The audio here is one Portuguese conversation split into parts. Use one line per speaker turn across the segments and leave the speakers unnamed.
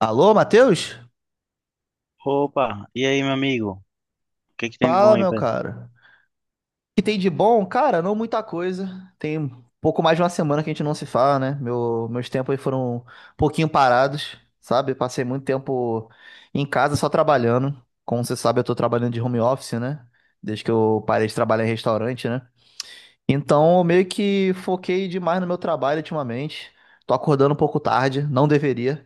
Alô, Matheus?
Opa, e aí, meu amigo? O que que tem de bom
Fala,
aí,
meu
Pedro?
cara. O que tem de bom? Cara, não muita coisa. Tem um pouco mais de uma semana que a gente não se fala, né? Meus tempos aí foram um pouquinho parados, sabe? Passei muito tempo em casa só trabalhando. Como você sabe, eu tô trabalhando de home office, né? Desde que eu parei de trabalhar em restaurante, né? Então, eu meio que foquei demais no meu trabalho ultimamente. Tô acordando um pouco tarde, não deveria,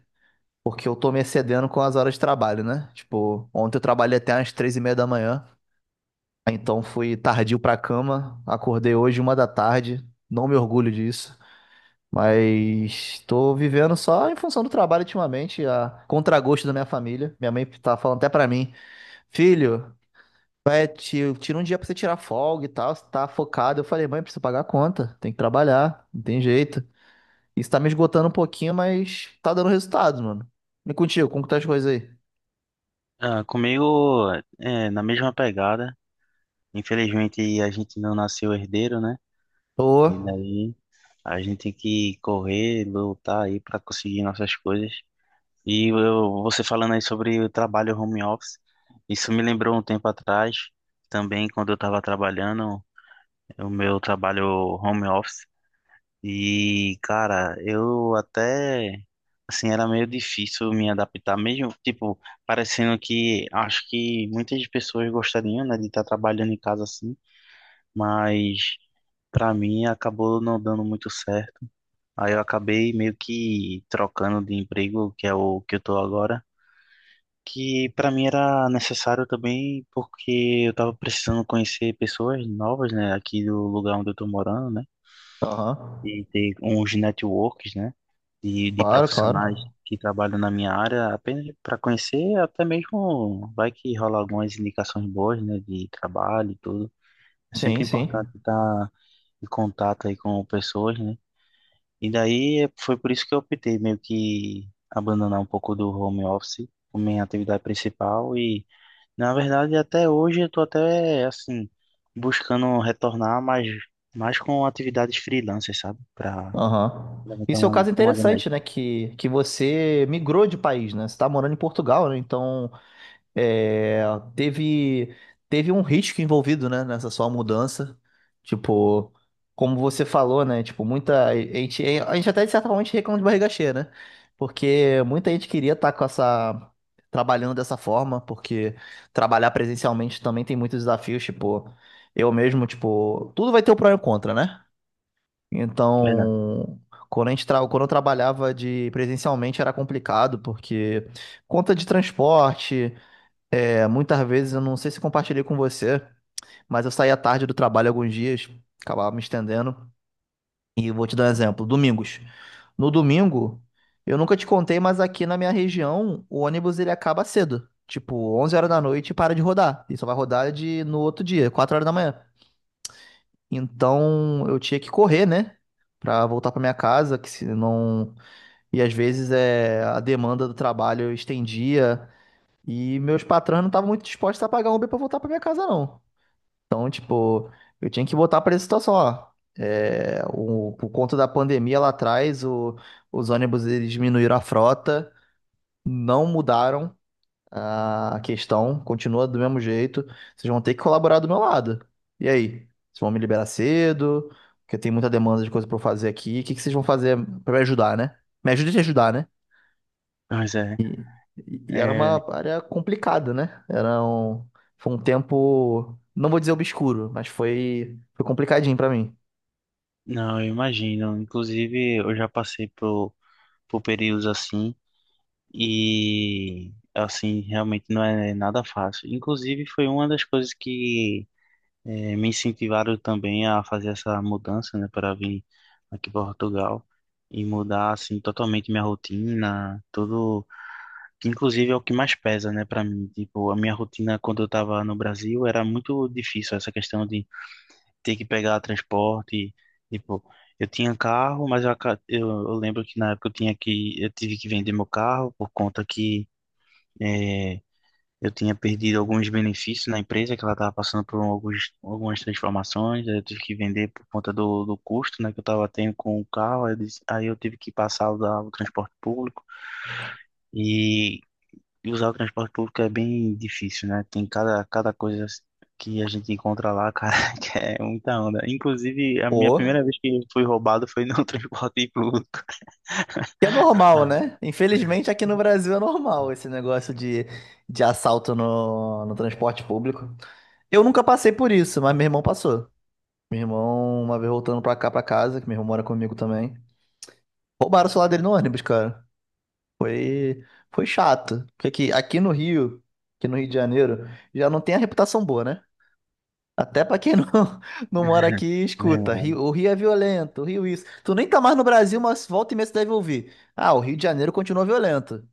porque eu tô me excedendo com as horas de trabalho, né? Tipo, ontem eu trabalhei até às 3:30 da manhã. Então fui tardio pra cama, acordei hoje uma da tarde, não me orgulho disso, mas tô vivendo só em função do trabalho ultimamente, a contragosto da minha família. Minha mãe tá falando até pra mim, filho, vai, tira um dia pra você tirar folga e tal, você tá focado. Eu falei, mãe, preciso pagar a conta, tem que trabalhar, não tem jeito. Isso tá me esgotando um pouquinho, mas tá dando resultado, mano. E contigo, como que tá as coisas aí?
Ah, comigo, na mesma pegada. Infelizmente, a gente não nasceu herdeiro, né? E
Tô.
daí, a gente tem que correr, lutar aí para conseguir nossas coisas. E eu, você falando aí sobre o trabalho home office, isso me lembrou um tempo atrás, também quando eu estava trabalhando, o meu trabalho home office. E, cara, eu até, assim, era meio difícil me adaptar, mesmo, tipo, parecendo que acho que muitas pessoas gostariam, né, de estar trabalhando em casa assim, mas pra mim acabou não dando muito certo. Aí eu acabei meio que trocando de emprego, que é o que eu tô agora, que pra mim era necessário também, porque eu tava precisando conhecer pessoas novas, né, aqui do lugar onde eu tô morando, né,
Aham.
e ter uns networks, né, de
Claro,
profissionais
claro.
que trabalham na minha área, apenas para conhecer, até mesmo vai que rola algumas indicações boas, né, de trabalho e tudo. É
Sim,
sempre importante
sim.
estar em contato aí com pessoas, né? E daí foi por isso que eu optei meio que abandonar um pouco do home office como minha atividade principal e, na verdade, até hoje eu tô até, assim, buscando retornar, mas mais com atividades freelancers, sabe? Para
Aham.
levantar
Isso é um caso
uma grana
interessante, né?
extra.
Que você migrou de país, né? Você tá morando em Portugal, né? Então, é, teve, teve um risco envolvido, né? Nessa sua mudança. Tipo, como você falou, né? Tipo, muita... A gente até, de certa forma, a gente reclama de barriga cheia, né? Porque muita gente queria estar com essa... Trabalhando dessa forma, porque trabalhar presencialmente também tem muitos desafios, tipo... Eu mesmo, tipo... Tudo vai ter o pró e o contra, né?
Verdade.
Então, quando eu trabalhava de presencialmente era complicado, porque conta de transporte, é, muitas vezes eu não sei se compartilhei com você, mas eu saía tarde do trabalho alguns dias, acabava me estendendo. E vou te dar um exemplo, domingos. No domingo, eu nunca te contei, mas aqui na minha região, o ônibus ele acaba cedo, tipo 11 horas da noite e para de rodar. E só vai rodar de no outro dia, 4 horas da manhã. Então eu tinha que correr, né? Pra voltar pra minha casa, que se não. E às vezes é... a demanda do trabalho eu estendia e meus patrões não estavam muito dispostos a pagar um Uber pra voltar pra minha casa, não. Então, tipo, eu tinha que botar pra essa situação, ó. É, o... Por conta da pandemia lá atrás, o... os ônibus eles diminuíram a frota, não mudaram. A questão continua do mesmo jeito. Vocês vão ter que colaborar do meu lado. E aí? Vocês vão me liberar cedo? Porque tem muita demanda de coisa pra eu fazer aqui. O que que vocês vão fazer pra me ajudar, né? Me ajuda a te ajudar, né?
Pois é.
E era
É,
uma área complicada, né? Era um... Foi um tempo, não vou dizer obscuro, mas foi, foi complicadinho pra mim.
não, eu imagino. Inclusive, eu já passei por períodos assim e, assim, realmente não é nada fácil. Inclusive, foi uma das coisas que me incentivaram também a fazer essa mudança, né, para vir aqui para Portugal e mudar, assim, totalmente minha rotina, tudo, que inclusive é o que mais pesa, né, para mim. Tipo, a minha rotina quando eu estava no Brasil era muito difícil, essa questão de ter que pegar transporte. Tipo, eu tinha carro, mas eu lembro que na época eu tive que vender meu carro por conta que eh, eu tinha perdido alguns benefícios na empresa, que ela estava passando por algumas transformações, aí eu tive que vender por conta do custo, né, que eu estava tendo com o carro, aí aí eu tive que passar a usar o transporte público. E e usar o transporte público é bem difícil, né? Tem cada coisa que a gente encontra lá, cara, que é muita onda. Inclusive, a minha
Ou,
primeira vez que fui roubado foi no transporte público.
que é normal, né? Infelizmente aqui no Brasil é normal esse negócio de assalto no transporte público. Eu nunca passei por isso, mas meu irmão passou. Meu irmão, uma vez voltando pra cá, pra casa, que meu irmão mora comigo também, roubaram o celular dele no ônibus, cara. Foi, foi chato. Porque aqui no Rio, aqui no Rio de Janeiro, já não tem a reputação boa, né? Até pra quem não, não mora aqui, escuta.
Verdade.
O Rio é violento, o Rio isso. Tu nem tá mais no Brasil, mas volta e meia você deve ouvir. Ah, o Rio de Janeiro continua violento.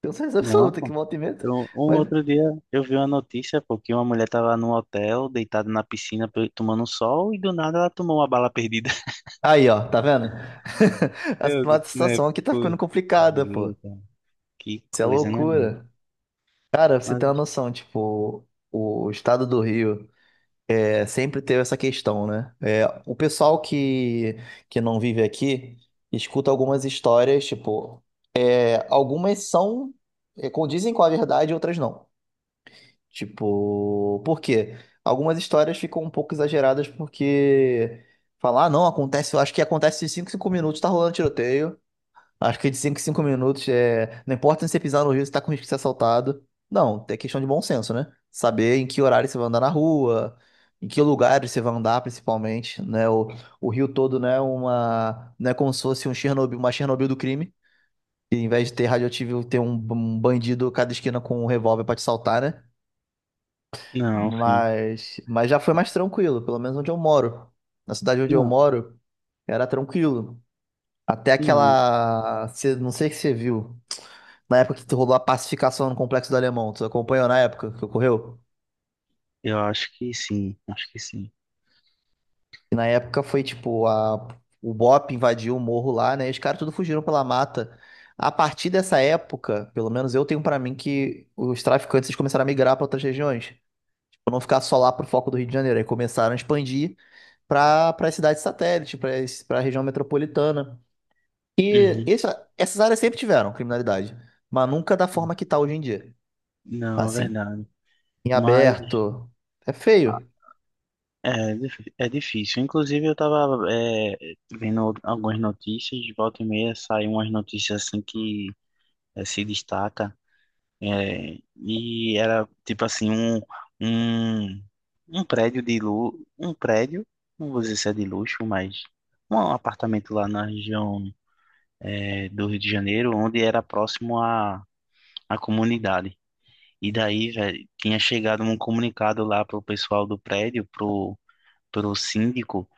Tenho certeza
Não,
absoluta que
pô.
volta e meia.
Um
Mas...
outro dia eu vi uma notícia, pô, que uma mulher tava num hotel, deitada na piscina, tomando sol, e do nada ela tomou uma bala perdida.
Aí, ó, tá vendo?
Eu
A
disse, né?
situação aqui tá ficando
Pô,
complicada,
meu
pô.
Deus, que
Isso é
coisa, né, mano?
loucura. Cara, pra você tem uma
Mas,
noção, tipo, o estado do Rio é, sempre teve essa questão, né? É, o pessoal que não vive aqui escuta algumas histórias, tipo, é, algumas são, é, condizem com a verdade, outras não. Tipo, por quê? Algumas histórias ficam um pouco exageradas porque falar, ah, não, acontece, eu acho que acontece em cinco minutos, tá rolando tiroteio. Acho que de 5 em 5 minutos é. Não importa se você pisar no rio, você tá com risco de ser assaltado. Não, é questão de bom senso, né? Saber em que horário você vai andar na rua, em que lugares você vai andar, principalmente, né? O rio todo, né? Uma. Não é como se fosse um Chernobyl, uma Chernobyl do crime. E em vez de ter radioativo, ter um bandido a cada esquina com um revólver pra te saltar, né?
não, sim.
Mas já foi mais tranquilo, pelo menos onde eu moro. Na cidade onde eu
Não,
moro, era tranquilo. Até
não.
aquela. Não sei se você viu. Na época que rolou a pacificação no Complexo do Alemão, tu acompanhou na época que ocorreu?
Eu acho que sim, acho que sim.
E na época foi tipo, o BOP invadiu o morro lá, né? E os caras tudo fugiram pela mata. A partir dessa época, pelo menos eu tenho pra mim que os traficantes eles começaram a migrar pra outras regiões. Tipo, não ficar só lá pro foco do Rio de Janeiro. Aí começaram a expandir pra para cidades satélite, pra para a região metropolitana. E
Uhum.
esse- essas áreas sempre tiveram criminalidade, mas nunca da forma que tá hoje em dia.
Não, é
Assim,
verdade.
em
Mas
aberto. É feio.
é, é difícil. Inclusive, eu tava vendo algumas notícias, de volta e meia saem umas notícias assim que se destaca. É, e era tipo assim, um, um prédio de luxo, um prédio, não vou dizer se é de luxo, mas um apartamento lá na região do Rio de Janeiro, onde era próximo à comunidade. E daí, velho, tinha chegado um comunicado lá pro pessoal do prédio, pro síndico,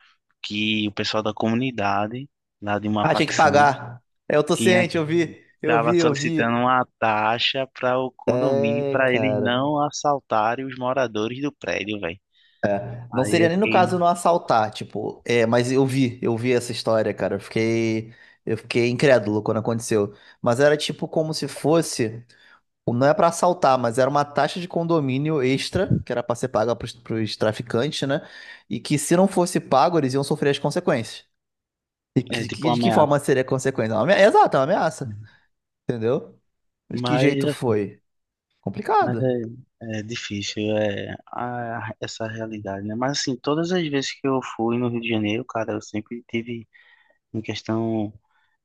que o pessoal da comunidade, lá de uma
Ah, tinha que
facção,
pagar. É, eu tô
tinha
ciente, eu vi, eu
tava
vi, eu vi.
solicitando uma taxa para o condomínio
É,
para eles
cara.
não assaltarem os moradores do prédio, velho.
É. Não
Aí
seria
eu
nem no
fiquei,
caso não assaltar, tipo, é, mas eu vi essa história, cara. Eu fiquei incrédulo quando aconteceu. Mas era tipo como se fosse, não é pra assaltar, mas era uma taxa de condomínio extra, que era pra ser paga pros traficantes, né? E que se não fosse pago, eles iam sofrer as consequências. E
é tipo uma
de que
ameaça.
forma seria a consequência? É, exato, é uma ameaça, entendeu? De que jeito
Mas,
foi?
mas
Complicado.
é, essa realidade, né? Mas assim, todas as vezes que eu fui no Rio de Janeiro, cara, eu sempre tive em questão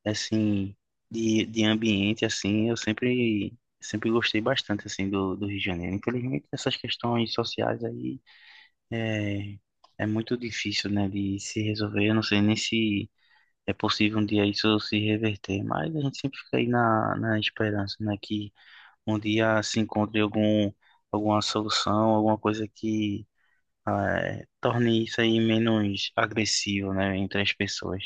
assim, de ambiente, assim, sempre gostei bastante, assim, do Rio de Janeiro. Infelizmente, essas questões sociais aí é, é muito difícil, né, de se resolver. Eu não sei nem se é possível um dia isso se reverter, mas a gente sempre fica aí na esperança, né, que um dia se encontre alguma solução, alguma coisa que torne isso aí menos agressivo, né, entre as pessoas.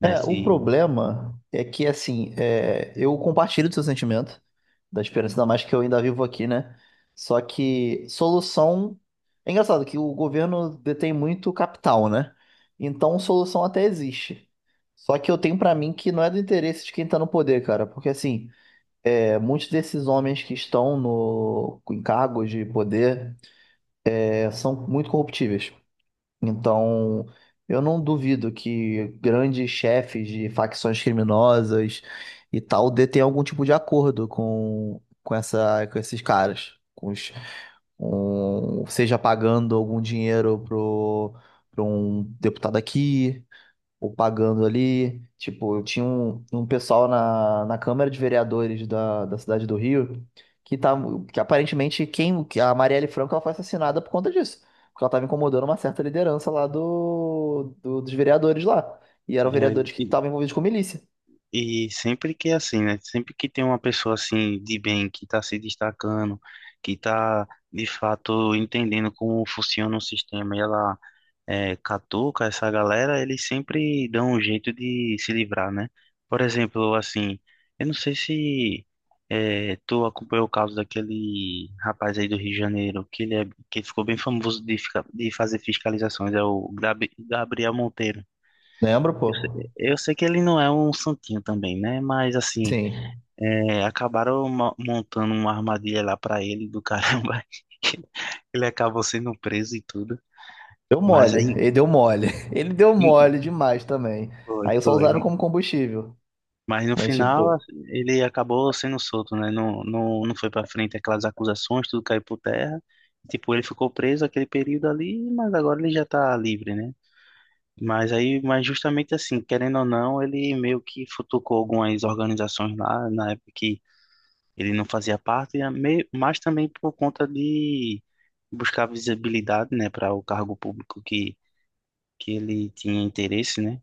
Né,
É, o
se,
problema é que, assim, é, eu compartilho do seu sentimento, da esperança, ainda mais que eu ainda vivo aqui, né? Só que solução. É engraçado que o governo detém muito capital, né? Então, solução até existe. Só que eu tenho pra mim que não é do interesse de quem tá no poder, cara. Porque, assim, é, muitos desses homens que estão no, em cargos de poder é, são muito corruptíveis. Então, eu não duvido que grandes chefes de facções criminosas e tal de tenham algum tipo de acordo com essa, com esses caras, seja pagando algum dinheiro pro um deputado aqui, ou pagando ali. Tipo, eu tinha um pessoal na Câmara de Vereadores da cidade do Rio que tá, que aparentemente que a Marielle Franco ela foi assassinada por conta disso. Porque ela estava incomodando uma certa liderança lá dos vereadores lá. E eram
é,
vereadores que estavam envolvidos com milícia.
E sempre que é assim, né? Sempre que tem uma pessoa assim de bem que está se destacando, que está de fato entendendo como funciona o sistema e ela catuca essa galera, eles sempre dão um jeito de se livrar, né? Por exemplo, assim, eu não sei se tu acompanhou o caso daquele rapaz aí do Rio de Janeiro, que ele, é, que ficou bem famoso de, ficar de fazer fiscalizações, é o Gabriel Monteiro.
Lembra, pô?
Eu sei que ele não é um santinho também, né? Mas assim.
Sim.
É, acabaram montando uma armadilha lá pra ele do caramba. Ele acabou sendo preso e tudo.
Deu
Mas
mole.
aí.
Ele deu mole. Ele deu mole
Em-
demais também.
Foi,
Aí só usaram
foi.
como combustível.
Mas no
Mas,
final
tipo.
assim, ele acabou sendo solto, né? Não foi pra frente aquelas acusações, tudo caiu por terra. Tipo, ele ficou preso aquele período ali, mas agora ele já tá livre, né? Mas aí, mas justamente assim, querendo ou não, ele meio que futucou algumas organizações lá na época que ele não fazia parte, e mas também por conta de buscar visibilidade, né, para o cargo público que ele tinha interesse, né?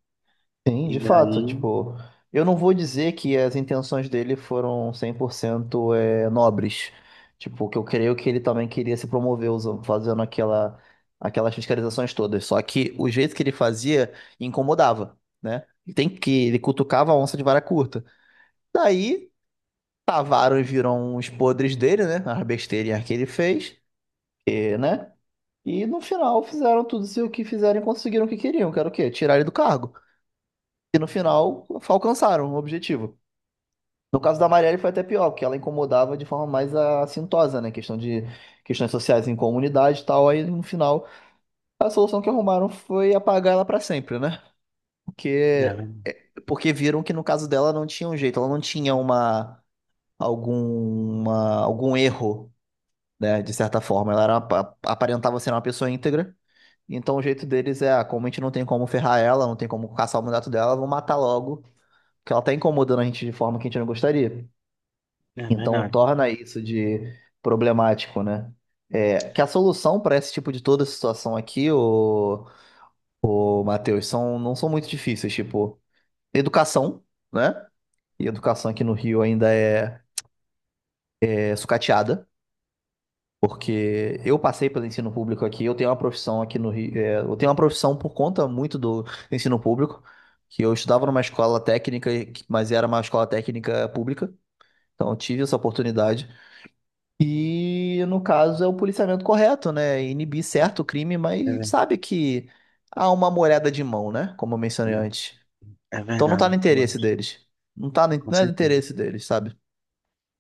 Sim, de
E
fato,
daí,
tipo, eu não vou dizer que as intenções dele foram 100% é, nobres. Tipo, que eu creio é que ele também queria se promover usando, fazendo aquelas fiscalizações todas. Só que o jeito que ele fazia incomodava, né? E tem que ele cutucava a onça de vara curta. Daí, tavaram e viram os podres dele, né? As besteirinhas que ele fez, e, né? E no final fizeram tudo o que fizeram e conseguiram o que queriam, que era o quê? Tirar ele do cargo. E no final, alcançaram o objetivo. No caso da Marielle foi até pior, porque ela incomodava de forma mais assintosa, né? Questão de questões sociais em comunidade e tal. Aí no final, a solução que arrumaram foi apagar ela para sempre, né?
é
Porque,
ver-
porque viram que no caso dela não tinha um jeito, ela não tinha uma alguma algum erro, né? De certa forma, ela era aparentava ser uma pessoa íntegra. Então o jeito deles é, ah, como a gente não tem como ferrar ela, não tem como caçar o mandato dela, vão matar logo que ela tá incomodando a gente de forma que a gente não gostaria.
é
Então
verdade,
torna isso de problemático, né? É, que a solução para esse tipo de toda situação aqui, o Matheus, são, não são muito difíceis, tipo, educação, né? E educação aqui no Rio ainda é, é sucateada, porque eu passei pelo ensino público aqui, eu tenho uma profissão aqui no Rio, é, eu tenho uma profissão por conta muito do ensino público, que eu estudava numa escola técnica, mas era uma escola técnica pública, então eu tive essa oportunidade. E no caso é o policiamento correto, né? Inibir certo o crime, mas
é
a gente
verdade,
sabe que há uma moeda de mão, né? Como eu mencionei antes.
é
Então não tá no
verdade, mas
interesse deles. Não tá no,
com
não é do
certeza.
interesse deles, sabe?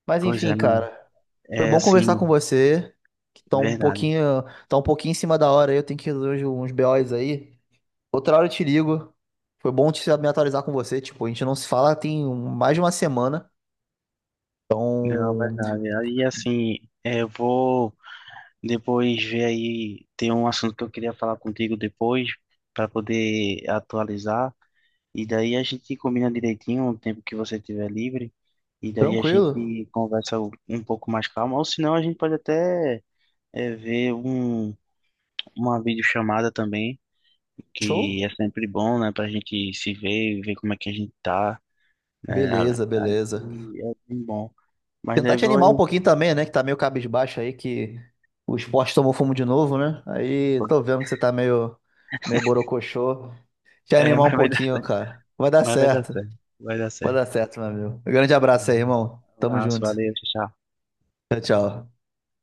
Mas
Pois
enfim,
é, mano,
cara, foi
é
bom conversar com
assim,
você, que tá
verdade.
tá um pouquinho em cima da hora aí, eu tenho que resolver uns BOs aí. Outra hora eu te ligo. Foi bom te me atualizar com você, tipo, a gente não se fala tem mais de uma semana.
Não, é
Então,
verdade. Aí, assim, é, eu vou depois ver aí, tem um assunto que eu queria falar contigo depois, para poder atualizar. E daí a gente combina direitinho o tempo que você tiver livre. E daí a
tranquilo.
gente conversa um pouco mais calmo. Ou senão a gente pode até ver uma videochamada também,
Show?
que é sempre bom, né? Pra gente se ver e ver como é que a gente tá, né? a-
Beleza,
Aí
beleza.
é bem bom. Mas
Tentar
daí
te animar um
vou.
pouquinho também, né? Que tá meio cabisbaixo aí, que o esporte tomou fumo de novo, né? Aí tô vendo que você tá meio borocochô. Te
É,
animar um pouquinho, cara. Vai dar
mas vai dar
certo.
certo. Vai dar
Vai
certo.
dar certo, meu amigo. Um grande abraço aí,
Um
irmão. Tamo
abraço,
junto.
valeu, tchau. Tchau.
Tchau, tchau.